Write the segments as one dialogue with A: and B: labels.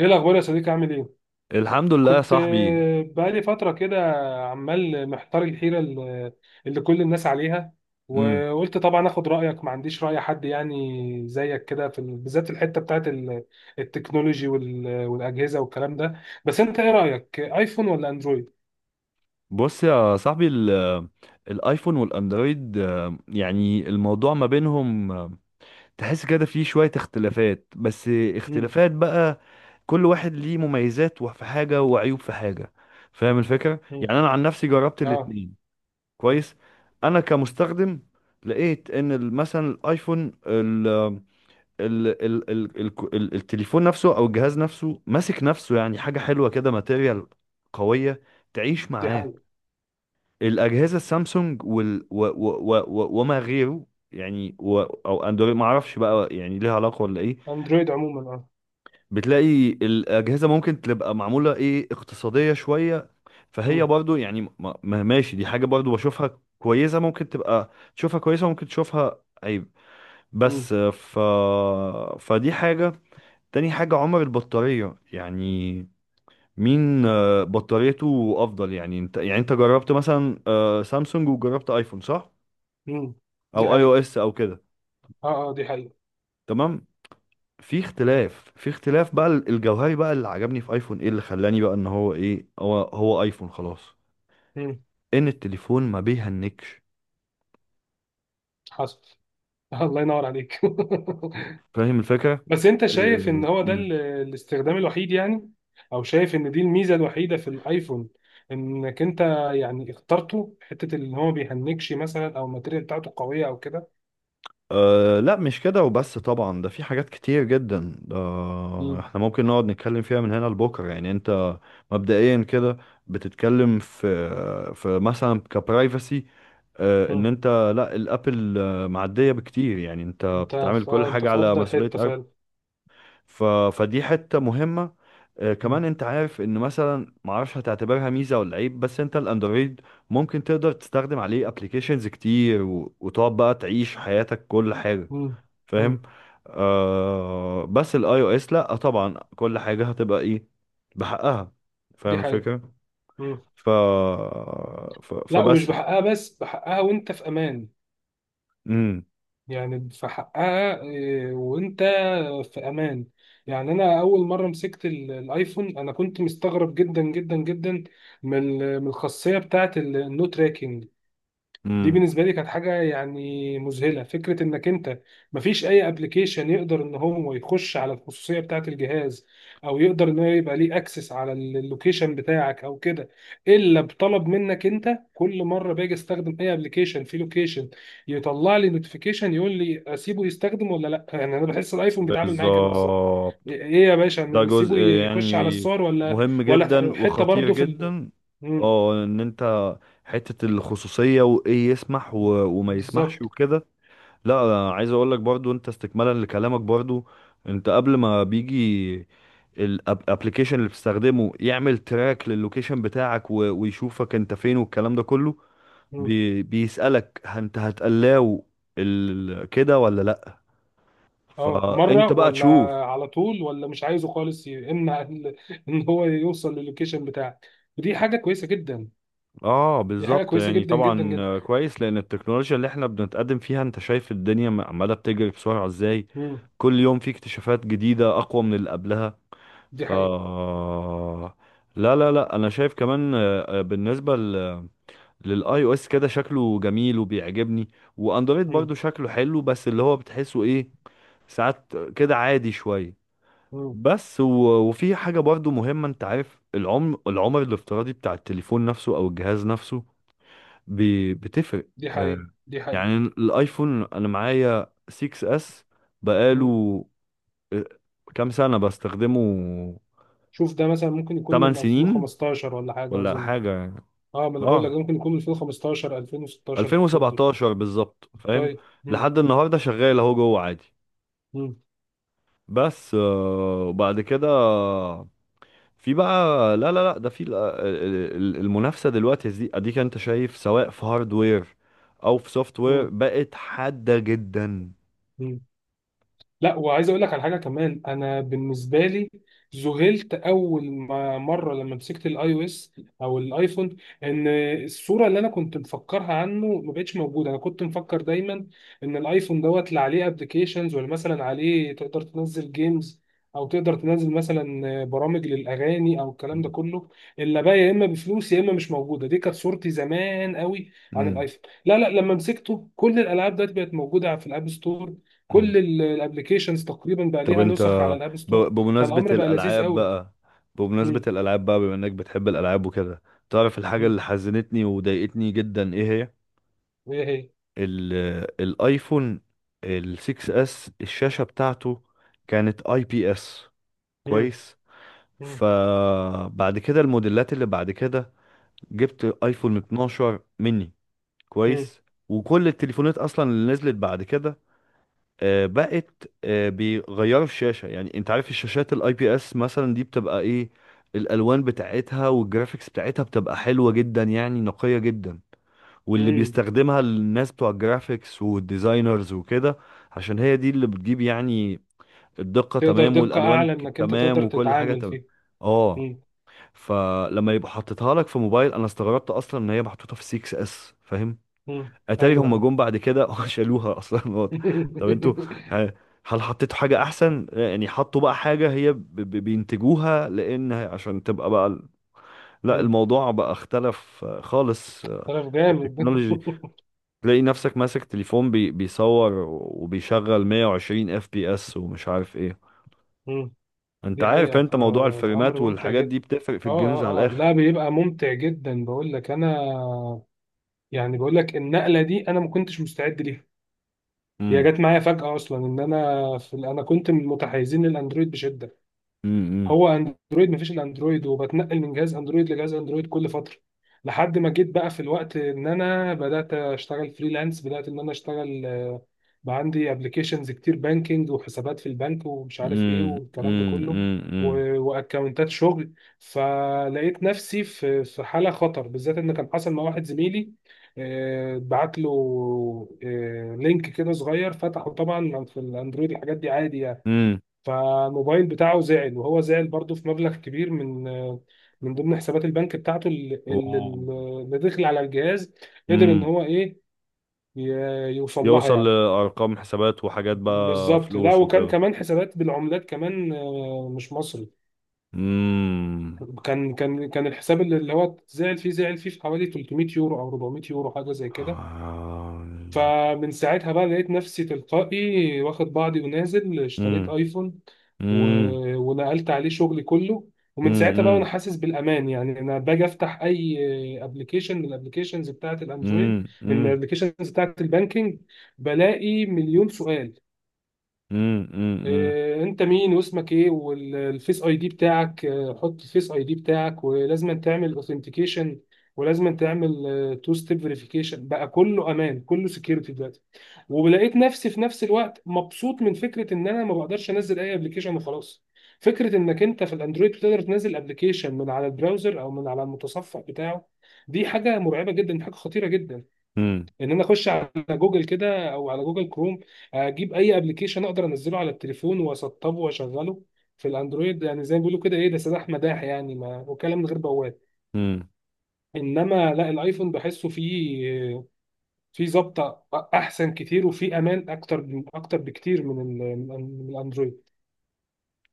A: ايه الاخبار يا صديقي؟ عامل ايه؟
B: الحمد لله يا
A: كنت
B: صاحبي.
A: بقالي فتره كده، عمال محتار الحيره اللي كل الناس عليها،
B: امم.
A: وقلت طبعا اخد رايك، ما عنديش راي حد يعني زيك كده بالذات في الحته التكنولوجي والاجهزه والكلام ده، بس انت ايه رايك، ايفون ولا اندرويد؟
B: بص يا صاحبي، الايفون والاندرويد، يعني الموضوع ما بينهم، تحس كده فيه شوية اختلافات، بس
A: امم.
B: اختلافات بقى كل واحد ليه مميزات في حاجة وعيوب في حاجة. فاهم الفكرة؟
A: امم.
B: يعني انا عن نفسي جربت
A: اه.
B: الاتنين. كويس. انا كمستخدم لقيت ان مثلا الايفون، ال التليفون نفسه او الجهاز نفسه ماسك نفسه، يعني حاجه حلوه كده، ماتيريال قويه تعيش
A: دي
B: معاك.
A: حقيقه.
B: الاجهزه السامسونج وال و و و و وما غيره، يعني او اندرويد ما اعرفش بقى يعني ليها علاقه ولا ايه.
A: اندرويد عموما اه.
B: بتلاقي الاجهزه ممكن تبقى معموله ايه، اقتصاديه شويه، فهي
A: امم.
B: برضو يعني ماشي، دي حاجه برضو بشوفها كويسه، ممكن تبقى تشوفها كويسه، ممكن تشوفها عيب.
A: امم.
B: بس ف فدي حاجه. تاني حاجة عمر البطارية، يعني مين بطاريته أفضل؟ يعني أنت، يعني أنت جربت مثلا سامسونج وجربت أيفون صح؟
A: امم. دي
B: أو أي أو
A: حقيقه.
B: إس أو كده.
A: اه اه دي حقيقه.
B: تمام؟ في اختلاف، بقى الجوهري بقى، اللي عجبني في أيفون، إيه اللي خلاني بقى إن هو إيه، هو أيفون خلاص؟
A: امم.
B: إن التليفون ما بيهنكش.
A: حصل. الله ينور عليك.
B: فاهم الفكرة؟
A: بس انت شايف ان هو ده الاستخدام الوحيد يعني؟ او شايف ان دي الميزه الوحيده في الايفون؟ انك انت يعني اخترته حته اللي هو ما بيهنكش مثلا، او الماتيريال بتاعته قويه او كده؟
B: أه لا مش كده وبس، طبعا ده في حاجات كتير جدا، ده
A: مم.
B: احنا ممكن نقعد نتكلم فيها من هنا لبكره. يعني انت مبدئيا كده بتتكلم في مثلا كبرايفسي، أه ان
A: مم.
B: انت، لا الابل معديه بكتير، يعني انت
A: انت
B: بتتعامل
A: في
B: كل
A: اه انت
B: حاجه
A: في
B: على
A: افضل
B: مسؤوليه
A: حته
B: ابل.
A: فعلا.
B: ف فدي حته مهمه. أه
A: مم.
B: كمان انت عارف ان مثلا، معرفش هتعتبرها ميزه ولا عيب، بس انت الاندرويد ممكن تقدر تستخدم عليه ابلكيشنز كتير وتقعد بقى تعيش حياتك كل حاجه.
A: مم. مم.
B: فاهم؟ آه بس الاي او اس لا طبعا، كل حاجه هتبقى ايه، بحقها.
A: دي
B: فاهم
A: حقيقه.
B: الفكره؟
A: مم.
B: ف, ف...
A: لا، ومش
B: فبس
A: بحقها، بس بحقها وانت في امان،
B: امم.
A: يعني في حقها وانت في امان. يعني انا اول مره مسكت الايفون انا كنت مستغرب جدا جدا جدا من الخاصيه بتاعه النو تراكنج. دي
B: امم.
A: بالنسبه لي كانت حاجه يعني مذهله، فكره انك انت مفيش اي ابلكيشن يقدر ان هو يخش على الخصوصيه بتاعه الجهاز، او يقدر ان هو يبقى ليه اكسس على اللوكيشن بتاعك او كده، الا بطلب منك انت. كل مره باجي استخدم اي ابلكيشن في لوكيشن يطلع لي نوتيفيكيشن يقول لي اسيبه يستخدم ولا لا، يعني انا بحس الايفون بيتعامل معايا كده بالظبط.
B: بالظبط.
A: ايه يا باشا،
B: ده جزء
A: نسيبه يخش على
B: يعني
A: الصور ولا
B: مهم جدا
A: ولا حته
B: وخطير
A: برضه
B: جدا.
A: مم،
B: اه ان انت حته الخصوصيه، وايه وما يسمحش
A: بالظبط.
B: وكده. لا أنا عايز اقول لك برضو، انت استكمالا لكلامك برضو، انت قبل ما بيجي الابلكيشن اللي بتستخدمه يعمل تراك للوكيشن بتاعك ويشوفك انت فين والكلام ده كله، بيسألك انت هتقلاو كده ولا لا.
A: اه مرة
B: فانت بقى
A: ولا
B: تشوف.
A: على طول، ولا مش عايزه خالص، يمنع ان هو يوصل للوكيشن بتاعك. ودي حاجة كويسة جدا.
B: اه
A: دي حاجة
B: بالظبط،
A: كويسة
B: يعني
A: جدا جدا
B: طبعا
A: جدا.
B: كويس، لان التكنولوجيا اللي احنا بنتقدم فيها انت شايف الدنيا عماله بتجري بسرعه ازاي.
A: مم.
B: كل يوم في اكتشافات جديده اقوى من اللي قبلها.
A: دي
B: ف
A: حقيقة.
B: لا انا شايف كمان، بالنسبه للاي او اس كده شكله جميل وبيعجبني، واندرويد
A: مم.
B: برضو شكله حلو، بس اللي هو بتحسه ايه، ساعات كده عادي شويه.
A: مم.
B: بس و... وفي حاجه برضو مهمه، انت عارف العمر، الافتراضي بتاع التليفون نفسه او الجهاز نفسه، ب... بتفرق.
A: دي
B: آه،
A: حقيقة، دي حقيقة.
B: يعني الايفون انا معايا 6 اس،
A: مم.
B: بقاله آه، كام سنه بستخدمه،
A: شوف ده مثلا ممكن يكون
B: 8
A: من
B: سنين
A: 2015 ولا حاجة
B: ولا
A: أظن.
B: حاجة يعني.
A: اه، ما انا بقول لك
B: اه
A: ده ممكن يكون من 2015 2016 في الحدود دي.
B: 2017 بالظبط، فاهم.
A: طيب. مم.
B: لحد النهاردة شغال اهو جوه عادي.
A: مم.
B: بس آه، وبعد كده في بقى، لا ده في المنافسة دلوقتي دي، اديك انت شايف سواء في هاردوير او في سوفت وير، بقت حادة جدا.
A: مم. لا، وعايز اقول لك على حاجه كمان، انا بالنسبه لي ذهلت اول ما مره لما مسكت الاي او اس او الايفون، ان الصوره اللي انا كنت مفكرها عنه ما بقتش موجوده. انا كنت مفكر دايما ان الايفون دوت اللي عليه ابلكيشنز، ولا مثلا عليه تقدر تنزل جيمز، او تقدر تنزل مثلا برامج للاغاني او الكلام ده كله، اللي بقى يا اما بفلوس يا اما مش موجوده. دي كانت صورتي زمان قوي عن
B: مم.
A: الايفون. لا لا، لما مسكته كل الالعاب دلوقتي بقت موجوده في الاب ستور،
B: مم.
A: كل الابلكيشنز تقريبا بقى
B: طب
A: ليها
B: انت،
A: نسخ على الاب ستور،
B: بمناسبة
A: فالامر بقى لذيذ
B: الالعاب
A: قوي.
B: بقى،
A: مم.
B: بما انك بتحب الالعاب وكده، تعرف الحاجة
A: مم.
B: اللي حزنتني وضايقتني جدا ايه هي؟
A: وهي.
B: الايفون ال 6 اس الشاشة بتاعته كانت اي بي اس.
A: مم.
B: كويس.
A: مم.
B: فبعد كده الموديلات اللي بعد كده، جبت ايفون 12 مني.
A: مم.
B: كويس. وكل التليفونات اصلا اللي نزلت بعد كده بقت بيغيروا الشاشة. يعني انت عارف الشاشات الاي بي اس مثلا دي بتبقى ايه، الالوان بتاعتها والجرافيكس بتاعتها بتبقى حلوة جدا، يعني نقية جدا، واللي
A: مم.
B: بيستخدمها الناس بتوع الجرافيكس والديزاينرز وكده، عشان هي دي اللي بتجيب يعني الدقة
A: تقدر
B: تمام
A: دقة
B: والألوان
A: اعلى انك انت
B: تمام
A: تقدر
B: وكل حاجة
A: تتعامل
B: تمام.
A: فيه.
B: اه.
A: مم.
B: فلما يبقى حطيتها لك في موبايل، انا استغربت اصلا ان هي محطوطة في 6 اس، فاهم؟
A: مم.
B: اتاري هم
A: ايوه.
B: جم بعد كده شالوها اصلا، واضح. طب انتوا، ه- هل حطيتوا حاجة احسن، يعني حطوا بقى حاجة هي بينتجوها لان عشان تبقى بقى لا
A: مم.
B: الموضوع بقى اختلف خالص.
A: طرف جامد.
B: التكنولوجي تلاقي نفسك ماسك تليفون بيصور وبيشغل 120 اف بي اس ومش عارف ايه.
A: مم.
B: انت
A: دي
B: عارف
A: حقيقة،
B: انت موضوع
A: فالامر
B: الفريمات
A: ممتع
B: والحاجات
A: جدا.
B: دي بتفرق في
A: اه.
B: الجيمز على
A: اه اه،
B: الاخر.
A: لا بيبقى ممتع جدا، بقول لك انا، يعني بقول لك النقلة دي انا ما كنتش مستعد ليها. هي
B: امم.
A: جت معايا فجأة أصلا، إن أنا أنا كنت من متحيزين للأندرويد بشدة.
B: امم.
A: هو اندرويد مفيش الا اندرويد، وبتنقل من جهاز اندرويد لجهاز اندرويد كل فتره، لحد ما جيت بقى في الوقت ان انا بدات اشتغل فريلانس، بدات ان انا اشتغل بقى عندي ابلكيشنز كتير، بانكينج، وحسابات في البنك ومش عارف ايه
B: امم.
A: والكلام ده كله،
B: امم.
A: واكونتات شغل. فلقيت نفسي في حاله خطر، بالذات ان كان حصل مع واحد زميلي، بعت له لينك كده صغير، فتحه طبعا في الاندرويد الحاجات دي عادي يعني.
B: امم.
A: فالموبايل بتاعه زعل، وهو زعل برضه في مبلغ كبير من ضمن حسابات البنك بتاعته اللي داخل على الجهاز. قدر ان
B: امم.
A: هو ايه، يوصل لها
B: يوصل
A: يعني.
B: لارقام حسابات وحاجات بقى
A: بالظبط، لا،
B: فلوس
A: وكان
B: وكده.
A: كمان حسابات بالعملات كمان مش مصري.
B: امم.
A: كان الحساب اللي هو زعل فيه، زعل فيه في حوالي 300 يورو او 400 يورو حاجه زي كده. فمن ساعتها بقى لقيت نفسي تلقائي واخد بعضي ونازل اشتريت
B: امم.
A: ايفون. و...
B: امم.
A: ونقلت عليه شغلي كله. ومن ساعتها بقى وانا
B: امم.
A: حاسس بالامان. يعني انا باجي افتح اي ابلكيشن من الابلكيشنز بتاعه الاندرويد، من
B: امم.
A: الابلكيشنز بتاعه البانكينج، بلاقي مليون سؤال.
B: امم. امم.
A: انت مين، واسمك ايه، والفيس اي دي بتاعك، حط الفيس اي دي بتاعك، ولازم تعمل اوثنتيكيشن، ولازم تعمل تو ستيب فيريفيكيشن، بقى كله امان، كله سكيورتي دلوقتي. ولقيت نفسي في نفس الوقت مبسوط من فكره ان انا ما بقدرش انزل اي ابلكيشن وخلاص. فكره انك انت في الاندرويد بتقدر تنزل ابلكيشن من على البراوزر او من على المتصفح بتاعه، دي حاجه مرعبه جدا، حاجه خطيره جدا. ان انا اخش على جوجل كده او على جوجل كروم، اجيب اي ابلكيشن اقدر انزله على التليفون واسطبه واشغله، في الاندرويد، يعني زي ما بيقولوا كده، ايه ده، سلاح مداح يعني، ما وكلام من غير بواب.
B: امم.
A: انما لا، الايفون بحسه فيه ظبطه، احسن كتير، وفيه امان اكتر اكتر بكتير من من الاندرويد.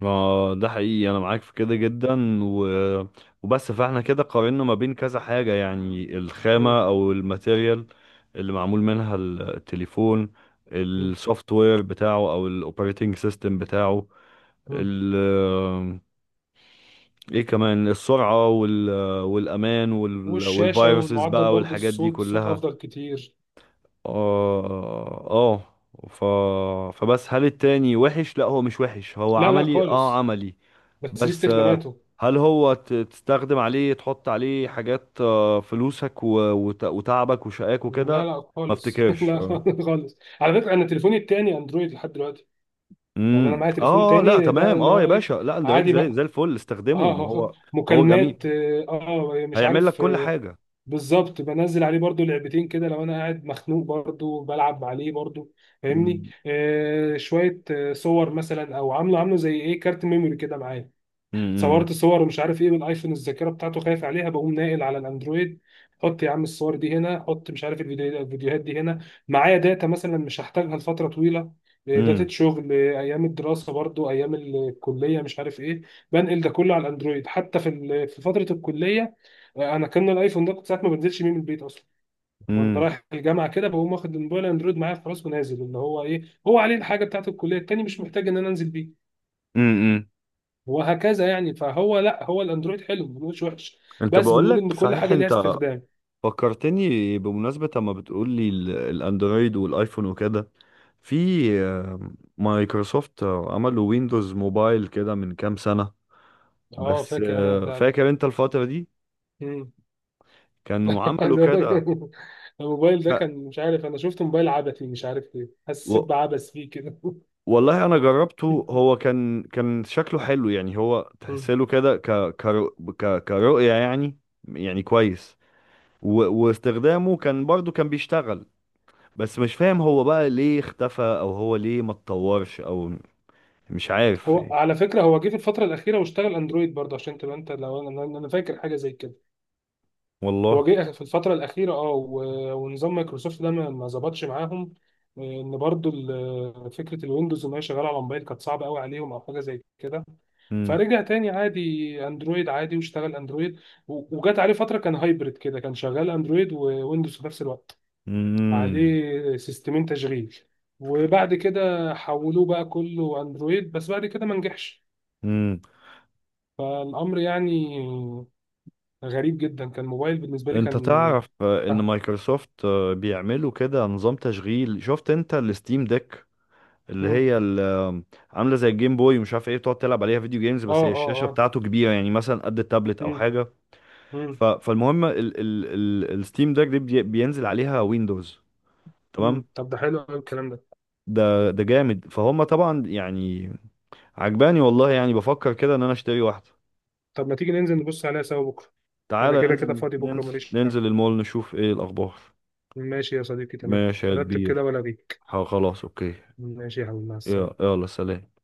B: ما ده حقيقي، انا معاك في كده جدا وبس. فاحنا كده قارنا ما بين كذا حاجة، يعني
A: مم.
B: الخامة او الماتيريال اللي معمول منها التليفون،
A: مم.
B: السوفت وير بتاعه او الاوبريتنج سيستم بتاعه،
A: مم.
B: ال... ايه كمان، السرعة والامان
A: والشاشه
B: والفيروسز
A: والمعدل
B: بقى
A: برضه،
B: والحاجات دي
A: الصوت صوت
B: كلها.
A: افضل كتير.
B: اه اه. ف... فبس هل التاني وحش؟ لا هو مش وحش، هو
A: لا لا
B: عملي، اه
A: خالص،
B: عملي.
A: بس ليه
B: بس
A: استخداماته.
B: هل هو تستخدم عليه، تحط عليه حاجات فلوسك وتعبك وشقاك
A: لا
B: وكده؟
A: لا
B: ما
A: خالص.
B: افتكرش،
A: لا
B: اه.
A: خالص. على فكره، انا تليفوني التاني اندرويد لحد دلوقتي. يعني انا
B: امم.
A: معايا تليفون
B: اه لا
A: تاني ده
B: تمام،
A: اللي
B: اه
A: هو
B: يا
A: ايه،
B: باشا، لا اندرويد
A: عادي بقى،
B: زي زي الفل استخدمه،
A: اه
B: ما هو هو جميل
A: مكالمات، اه مش
B: هيعمل لك
A: عارف
B: كل حاجه.
A: بالظبط. بنزل عليه برضو لعبتين كده، لو انا قاعد مخنوق برضو بلعب عليه برضو، فاهمني،
B: امم.
A: آه شويه صور مثلا، او عامله عامله زي ايه، كارت ميموري كده معايا،
B: امم.
A: صورت صور ومش عارف ايه، والايفون الذاكره بتاعته خايف عليها، بقوم ناقل على الاندرويد. حط يا عم الصور دي هنا، حط مش عارف الفيديوهات دي هنا. معايا داتا مثلا مش هحتاجها لفتره طويله، داتا
B: امم.
A: شغل، ايام الدراسه برضو، ايام الكليه مش عارف ايه، بنقل ده كله على الاندرويد، حتى في فتره الكليه انا كان الايفون ده كنت ساعات ما بنزلش بيه من البيت اصلا. وانا
B: امم.
A: رايح الجامعه كده بقوم واخد الموبايل اندرويد معايا خلاص، ونازل، اللي هو ايه، هو عليه الحاجه بتاعت الكليه التاني، مش محتاج ان انا انزل بيه،
B: امم.
A: وهكذا يعني. فهو لا، هو الاندرويد حلو، ما بنقولش وحش،
B: انت
A: بس
B: بقول
A: بنقول
B: لك
A: ان كل
B: صحيح،
A: حاجه ليها
B: انت
A: استخدام.
B: فكرتني بمناسبه اما بتقول لي الاندرويد والايفون وكده، في مايكروسوفت عملوا ويندوز موبايل كده من كام سنة.
A: اه
B: بس
A: فاكر، انا البتاع ده.
B: فاكر انت الفترة دي
A: مم.
B: كانوا عملوا
A: عايز أقول لك،
B: كده.
A: الموبايل ده
B: ك-
A: كان مش عارف، انا شفت موبايل عبثي، مش عارف ليه حسيت
B: و-
A: بعبث فيه كده.
B: والله انا جربته، هو كان شكله حلو يعني، هو
A: مم.
B: تحسله كده كرؤية يعني، يعني كويس و... واستخدامه كان برضو كان بيشتغل. بس مش فاهم هو بقى ليه اختفى، او هو ليه ما اتطورش، او مش عارف
A: هو
B: يعني،
A: على فكره هو جه في الفتره الاخيره واشتغل اندرويد برضه، عشان تبقى انت، لو انا أنا فاكر حاجه زي كده،
B: والله.
A: هو جه في الفترة الأخيرة اه، ونظام مايكروسوفت ده ما ظبطش معاهم. إن برضو فكرة الويندوز إن هي شغالة على موبايل كانت صعبة قوي عليهم، أو حاجة زي كده.
B: امم.
A: فرجع تاني عادي اندرويد، عادي واشتغل اندرويد، وجات عليه فتره كان هايبرد كده، كان شغال اندرويد وويندوز في نفس الوقت،
B: امم.
A: عليه سيستمين تشغيل. وبعد كده حولوه بقى كله اندرويد، بس بعد كده ما نجحش. فالامر يعني غريب جدا، كان موبايل بالنسبه لي
B: انت
A: كان
B: تعرف ان مايكروسوفت بيعملوا كده نظام تشغيل، شفت انت الستيم ديك اللي
A: آه.
B: هي عامله زي الجيم بوي ومش عارف ايه، بتقعد تلعب عليها فيديو جيمز،
A: اه
B: بس هي الشاشه
A: اه اه.
B: بتاعته كبيره يعني مثلا قد التابلت او
A: مم.
B: حاجه.
A: مم.
B: فالمهم ال ال ال الستيم ديك دي بينزل عليها ويندوز. تمام.
A: مم. طب ده حلو قوي الكلام ده.
B: ده ده جامد، فهم طبعا يعني، عجباني والله، يعني بفكر كده ان انا اشتري واحده.
A: طب ما تيجي ننزل نبص عليها سوا بكره؟ انا
B: تعالى
A: كده كده
B: ننزل،
A: فاضي بكره
B: ننزل
A: ماليش حاجه.
B: ننزل المول، نشوف ايه الاخبار.
A: ماشي يا صديقي تمام.
B: ماشي يا
A: رتب كده
B: كبير.
A: ولا بيك.
B: خلاص اوكي.
A: ماشي يا حبيبي مع السلامه.
B: يلا سلام.